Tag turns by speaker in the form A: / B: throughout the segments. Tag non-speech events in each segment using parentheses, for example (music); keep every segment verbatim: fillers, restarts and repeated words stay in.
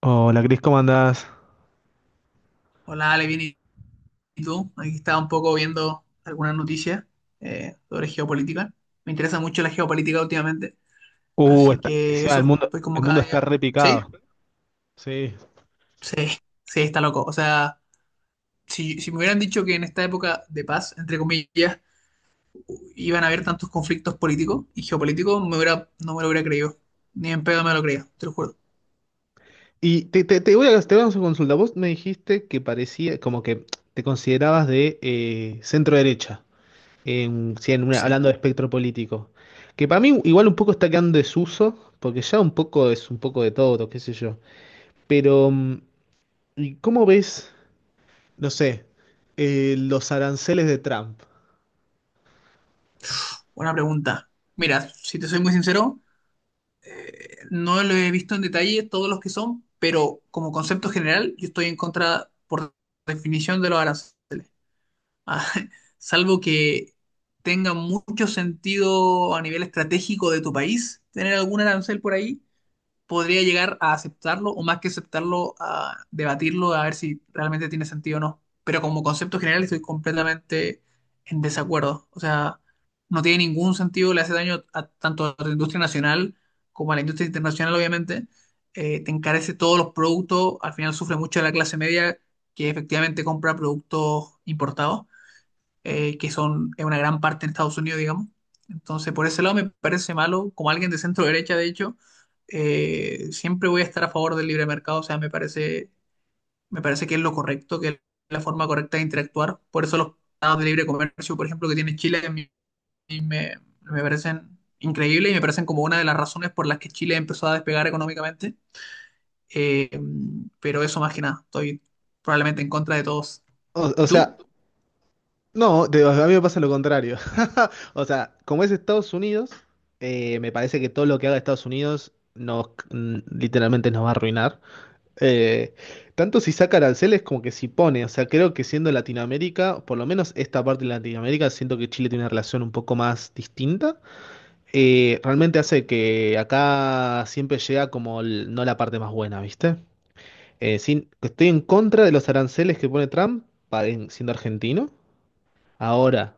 A: Hola, Cris, ¿cómo andás?
B: Hola, Ale, bien, ¿y tú? Aquí estaba un poco viendo algunas noticias eh, sobre geopolítica. Me interesa mucho la geopolítica últimamente,
A: Uh,
B: así
A: está,
B: que
A: sí, ah, el
B: eso,
A: mundo,
B: pues como
A: el
B: cada
A: mundo está
B: día. ¿Sí?
A: repicado. Sí.
B: Sí, sí, está loco. O sea, si, si me hubieran dicho que en esta época de paz, entre comillas, iban a haber tantos conflictos políticos y geopolíticos, me hubiera, no me lo hubiera creído. Ni en pedo me lo creía, te lo juro.
A: Y te, te, te voy a, te voy a hacer una consulta. Vos me dijiste que parecía, como que te considerabas de eh, centro derecha, en, sí, en una-
B: Sí,
A: hablando de espectro político. Que para mí igual un poco está quedando en desuso, porque ya un poco es un poco de todo, qué sé yo. Pero, mm, ¿y ¿cómo ves, no sé, eh, los aranceles de Trump?
B: buena pregunta. Mira, si te soy muy sincero, eh, no lo he visto en detalle todos los que son, pero como concepto general, yo estoy en contra, por definición, de los aranceles. Ah, (laughs) salvo que tenga mucho sentido a nivel estratégico de tu país tener algún arancel por ahí, podría llegar a aceptarlo o más que aceptarlo, a debatirlo, a ver si realmente tiene sentido o no. Pero como concepto general estoy completamente en desacuerdo. O sea, no tiene ningún sentido, le hace daño a, tanto a la industria nacional como a la industria internacional, obviamente. Eh, te encarece todos los productos, al final sufre mucho la clase media que efectivamente compra productos importados eh, que son en una gran parte en Estados Unidos, digamos. Entonces, por ese lado me parece malo, como alguien de centro derecha, de hecho, eh, siempre voy a estar a favor del libre mercado, o sea, me parece, me parece que es lo correcto, que es la forma correcta de interactuar. Por eso los tratados de libre comercio, por ejemplo, que tiene Chile, a mí me, me parecen increíbles y me parecen como una de las razones por las que Chile empezó a despegar económicamente. Eh, pero eso más que nada, estoy probablemente en contra de todos.
A: O, o
B: ¿Y
A: sea,
B: tú?
A: No, te- a mí me pasa lo contrario. (laughs) O sea, como es Estados Unidos, eh, me parece que todo lo que haga Estados Unidos nos, mm, literalmente nos va a arruinar. Eh, Tanto si saca aranceles como que si pone. O sea, creo que siendo Latinoamérica, por lo menos esta parte de Latinoamérica, siento que Chile tiene una relación un poco más distinta. Eh, realmente hace que acá siempre llega como el- no la parte más buena, ¿viste? Eh, sin, Estoy en contra de los aranceles que pone Trump, pa- en- siendo argentino. Ahora.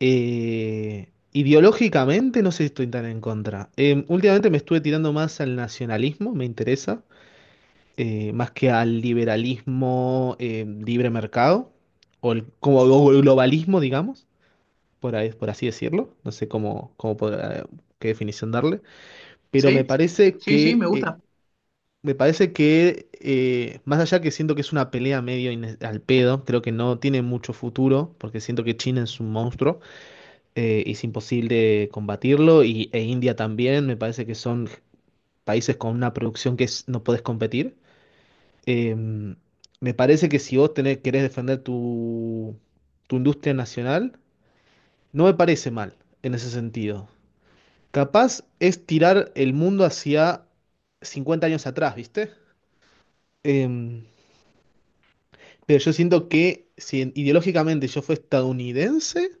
A: Eh, ideológicamente no sé si estoy tan en contra. Eh, últimamente me estuve tirando más al nacionalismo, me interesa, eh, más que al liberalismo, eh, libre mercado, o el- como o el globalismo, digamos, por ahí- por así decirlo. No sé cómo, cómo podrá- Qué definición darle. Pero me
B: Sí,
A: parece
B: sí, sí, me
A: que, eh,
B: gusta.
A: me parece que, eh, más allá que siento que es una pelea medio ine- al pedo, creo que no tiene mucho futuro, porque siento que China es un monstruo, eh, es imposible combatirlo y, e India también, me parece que son países con una producción que es- no podés competir. Eh, Me parece que si vos tenés, querés defender tu, tu industria nacional, no me parece mal en ese sentido. Capaz es tirar el mundo hacia cincuenta años atrás, ¿viste? Em, pero yo siento que si ideológicamente yo fuera estadounidense,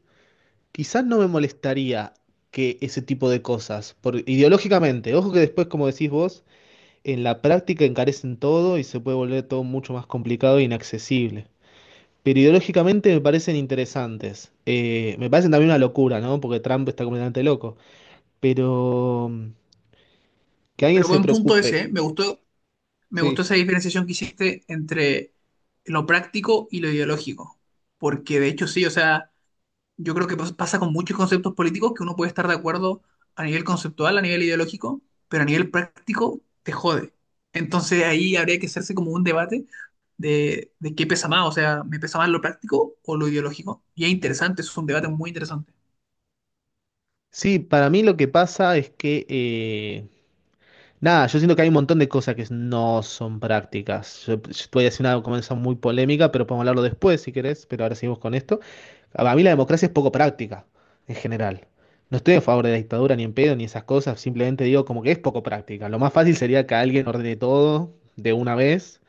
A: quizás no me molestaría que ese tipo de cosas, por, ideológicamente, ojo que después, como decís vos, en la práctica encarecen todo y se puede volver todo mucho más complicado e inaccesible. Pero ideológicamente me parecen interesantes. Eh, me parecen también una locura, ¿no? Porque Trump está completamente loco. Pero, mm, que alguien
B: Pero
A: se
B: buen punto
A: preocupe.
B: ese, ¿eh? Me gustó, me gustó
A: Sí.
B: esa diferenciación que hiciste entre lo práctico y lo ideológico. Porque de hecho sí, o sea, yo creo que pas- pasa con muchos conceptos políticos que uno puede estar de acuerdo a nivel conceptual, a nivel ideológico, pero a nivel práctico te jode. Entonces ahí habría que hacerse como un debate de, de qué pesa más, o sea, ¿me pesa más lo práctico o lo ideológico? Y es interesante, es un debate muy interesante.
A: Sí, para mí lo que pasa es que, eh, nada, yo siento que hay un montón de cosas que no son prácticas. Yo, yo te voy a decir una cosa muy polémica, pero podemos hablarlo después si querés, pero ahora seguimos con esto. A mí la democracia es poco práctica, en general. No estoy a favor de la dictadura ni en pedo ni esas cosas, simplemente digo como que es poco práctica. Lo más fácil sería que alguien ordene todo de una vez,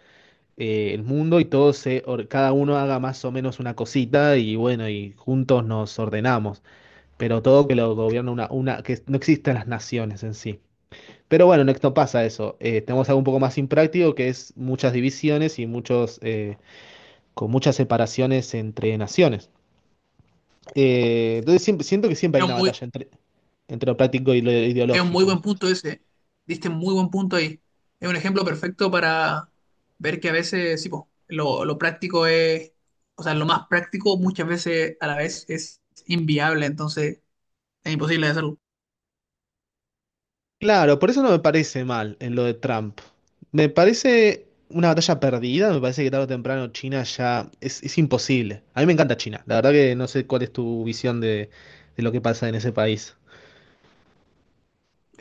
A: eh, el mundo, y todo se, or- cada uno haga más o menos una cosita y bueno, y juntos nos ordenamos. Pero todo que lo gobierna una, una, que no existan las naciones en sí. Pero bueno, en Next no pasa eso. Eh, tenemos algo un poco más impráctico que es muchas divisiones y muchos, eh, con muchas separaciones entre naciones. Eh, entonces siempre, siento que siempre hay
B: Es
A: una
B: un muy,
A: batalla entre, entre lo práctico y lo
B: Es un muy
A: ideológico.
B: buen punto ese. Diste muy buen punto ahí. Es un ejemplo perfecto para ver que a veces, sí, po, lo, lo práctico es, o sea, lo más práctico muchas veces a la vez es inviable, entonces es imposible de hacerlo.
A: Claro, por eso no me parece mal en lo de Trump. Me parece una batalla perdida, me parece que tarde o temprano China ya es, es imposible. A mí me encanta China, la verdad que no sé cuál es tu visión de, de lo que pasa en ese país.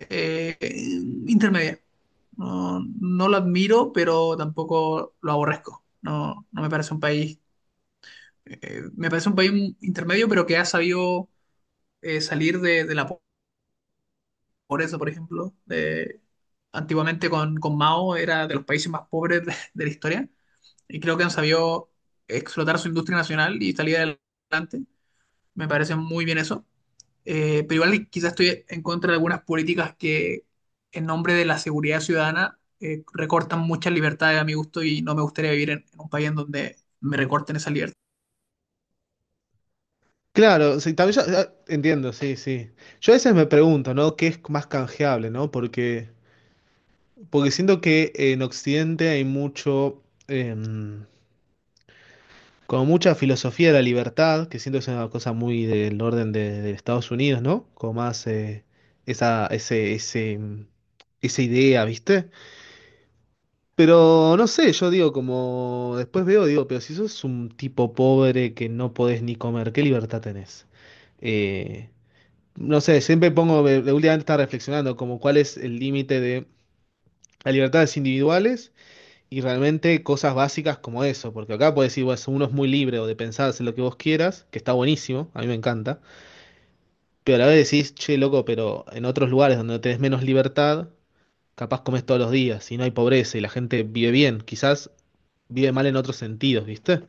B: Eh, intermedia. No, no lo admiro, pero tampoco lo aborrezco. No, no me parece un país, eh, me parece un país intermedio, pero que ha sabido eh, salir de, de la. Por eso, por ejemplo, eh, antiguamente con, con Mao era de los países más pobres de, de la historia y creo que han sabido explotar su industria nacional y salir adelante. Me parece muy bien eso. Eh, pero igual quizás estoy en contra de algunas políticas que en nombre de la seguridad ciudadana eh, recortan muchas libertades a mi gusto y no me gustaría vivir en, en un país en donde me recorten esa libertad.
A: Claro, sí, también yo- ah, entiendo, sí, sí. Yo a veces me pregunto, ¿no? ¿Qué es más canjeable, ¿no? Porque, porque siento que en Occidente hay mucho, em, como mucha filosofía de la libertad, que siento que es una cosa muy del orden de, de Estados Unidos, ¿no? Como más, eh, esa, ese, ese, mm, esa idea, ¿viste? Pero no sé, yo digo, como después veo, digo, pero si sos un tipo pobre que no podés ni comer, ¿qué libertad tenés? Eh, no sé, siempre pongo, de de últimamente estaba reflexionando como cuál es el límite de las libertades individuales y realmente cosas básicas como eso, porque acá puedes decir, bueno, uno es muy libre o de pensar en lo que vos quieras, que está buenísimo, a mí me encanta, pero a la vez decís, che, loco, pero en otros lugares donde tenés menos libertad, capaz comes todos los días y no hay pobreza y la gente vive bien, quizás vive mal en otros sentidos, ¿viste?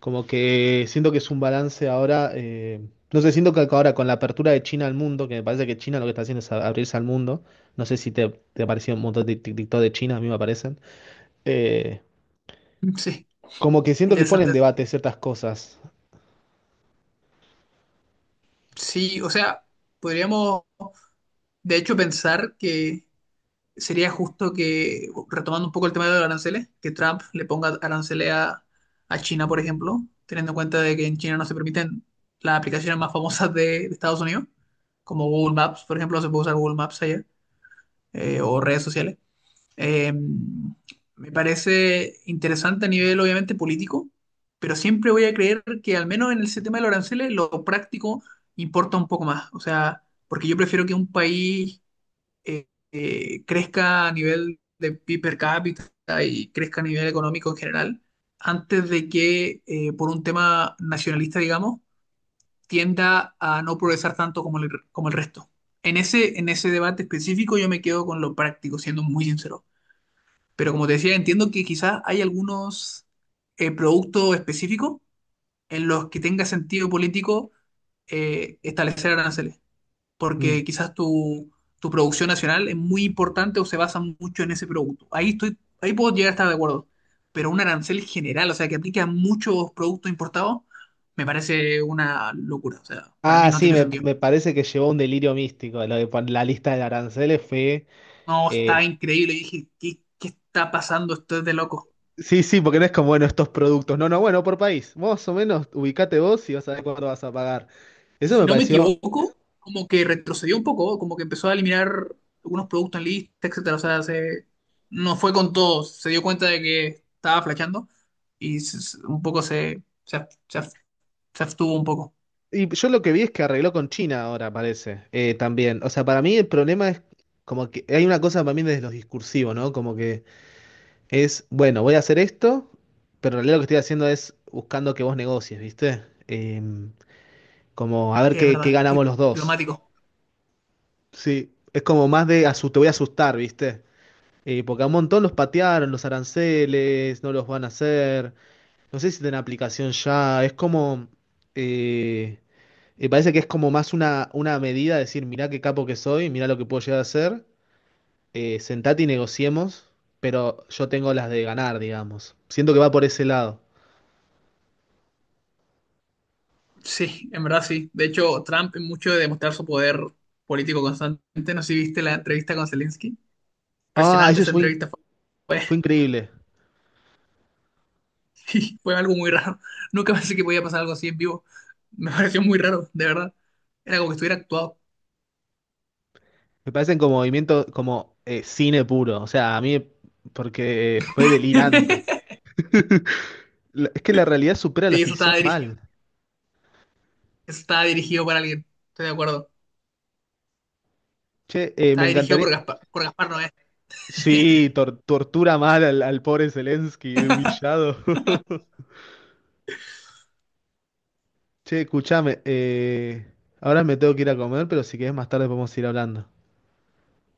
A: Como que siento que es un balance ahora, eh, no sé, siento que ahora con la apertura de China al mundo, que me parece que China lo que está haciendo es a- abrirse al mundo, no sé si te, te ha parecido un montón de tic- TikTok de China, a mí me aparecen, eh,
B: (laughs) Sí,
A: como que siento que pone en
B: interesante.
A: debate ciertas cosas.
B: Sí, o sea, podríamos de hecho pensar que sería justo que, retomando un poco el tema de los aranceles, que Trump le ponga aranceles a, a China, por ejemplo, teniendo en cuenta de que en China no se permiten las aplicaciones más famosas de, de Estados Unidos, como Google Maps, por ejemplo, no se puede usar Google Maps allá, eh, o redes sociales. Eh, me parece interesante a nivel, obviamente, político, pero siempre voy a creer que al menos en ese tema de los aranceles, lo práctico importa un poco más. O sea, porque yo prefiero que un país eh, eh, crezca a nivel de P I B per cápita y crezca a nivel económico en general, antes de que eh, por un tema nacionalista, digamos, tienda a no progresar tanto como el, como el resto. En ese, en ese debate específico yo me quedo con lo práctico, siendo muy sincero. Pero como te decía, entiendo que quizás hay algunos eh, productos específicos en los que tenga sentido político eh, establecer aranceles porque
A: Mm.
B: quizás tu, tu producción nacional es muy importante o se basa mucho en ese producto. Ahí estoy, ahí puedo llegar a estar de acuerdo. Pero un arancel general, o sea, que aplique a muchos productos importados, me parece una locura. O sea, para mí
A: Ah,
B: no
A: sí,
B: tiene
A: me,
B: sentido.
A: me parece que llevó un delirio místico, lo de pon- la lista de aranceles fue...
B: No, está
A: eh,
B: increíble. Dije, ¿qué, ¿qué está pasando? Esto es de loco.
A: sí, sí, porque no es como, bueno, estos productos, no, no, bueno, por país, más o menos, ubicate vos y vas a ver cuánto vas a pagar.
B: Y
A: Eso
B: si
A: me
B: no me
A: pareció.
B: equivoco, como que retrocedió un poco, como que empezó a eliminar algunos productos en lista, etcétera. O sea, se, no fue con todos. Se dio cuenta de que estaba flasheando y se- se- un poco se, se, ab- se ab- se abstuvo un poco.
A: Y yo lo que vi es que arregló con China ahora, parece, eh, también. O sea, para mí el problema es como que hay una cosa para mí desde los discursivos, ¿no? Como que es, bueno, voy a hacer esto, pero en realidad lo que estoy haciendo es buscando que vos negocies, ¿viste? Eh, como a ver
B: Sí, es
A: qué, qué
B: verdad.
A: ganamos los dos.
B: Diplomático.
A: Sí, es como más de asu- te voy a asustar, ¿viste? Eh, porque a un montón los patearon, los aranceles, no los van a hacer. No sé si tienen aplicación ya, es como... eh, me parece que es como más una, una medida, decir, mirá qué capo que soy, mirá lo que puedo llegar a hacer, eh, sentate y negociemos, pero yo tengo las de ganar, digamos. Siento que va por ese lado.
B: Sí, en verdad sí. De hecho, Trump, en mucho de demostrar su poder político constante, no sé si viste la entrevista con Zelensky.
A: Ah,
B: Impresionante
A: eso
B: esa
A: fue, in-
B: entrevista fue.
A: fue increíble.
B: (laughs) Fue algo muy raro. Nunca pensé que podía pasar algo así en vivo. Me pareció muy raro, de verdad. Era como que estuviera actuado.
A: Me parecen como movimiento, como, eh, cine puro. O sea, a mí, porque fue delirante.
B: (laughs)
A: (laughs) La- Es que la realidad supera la
B: Sí, eso
A: ficción
B: estaba dirigido.
A: mal.
B: Eso estaba dirigido para alguien. Estoy de acuerdo.
A: Che, eh, me
B: Estaba dirigido
A: encantaría.
B: por Gaspar, por Gaspar Noé.
A: Sí,
B: (laughs)
A: tor- tortura mal al, al pobre Zelensky, humillado. (laughs) Che, escuchame, eh, ahora me tengo que ir a comer, pero si querés más tarde podemos ir hablando.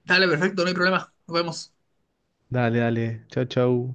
B: Dale, perfecto, no hay problema. Nos vemos.
A: Dale, dale. Chau, chau.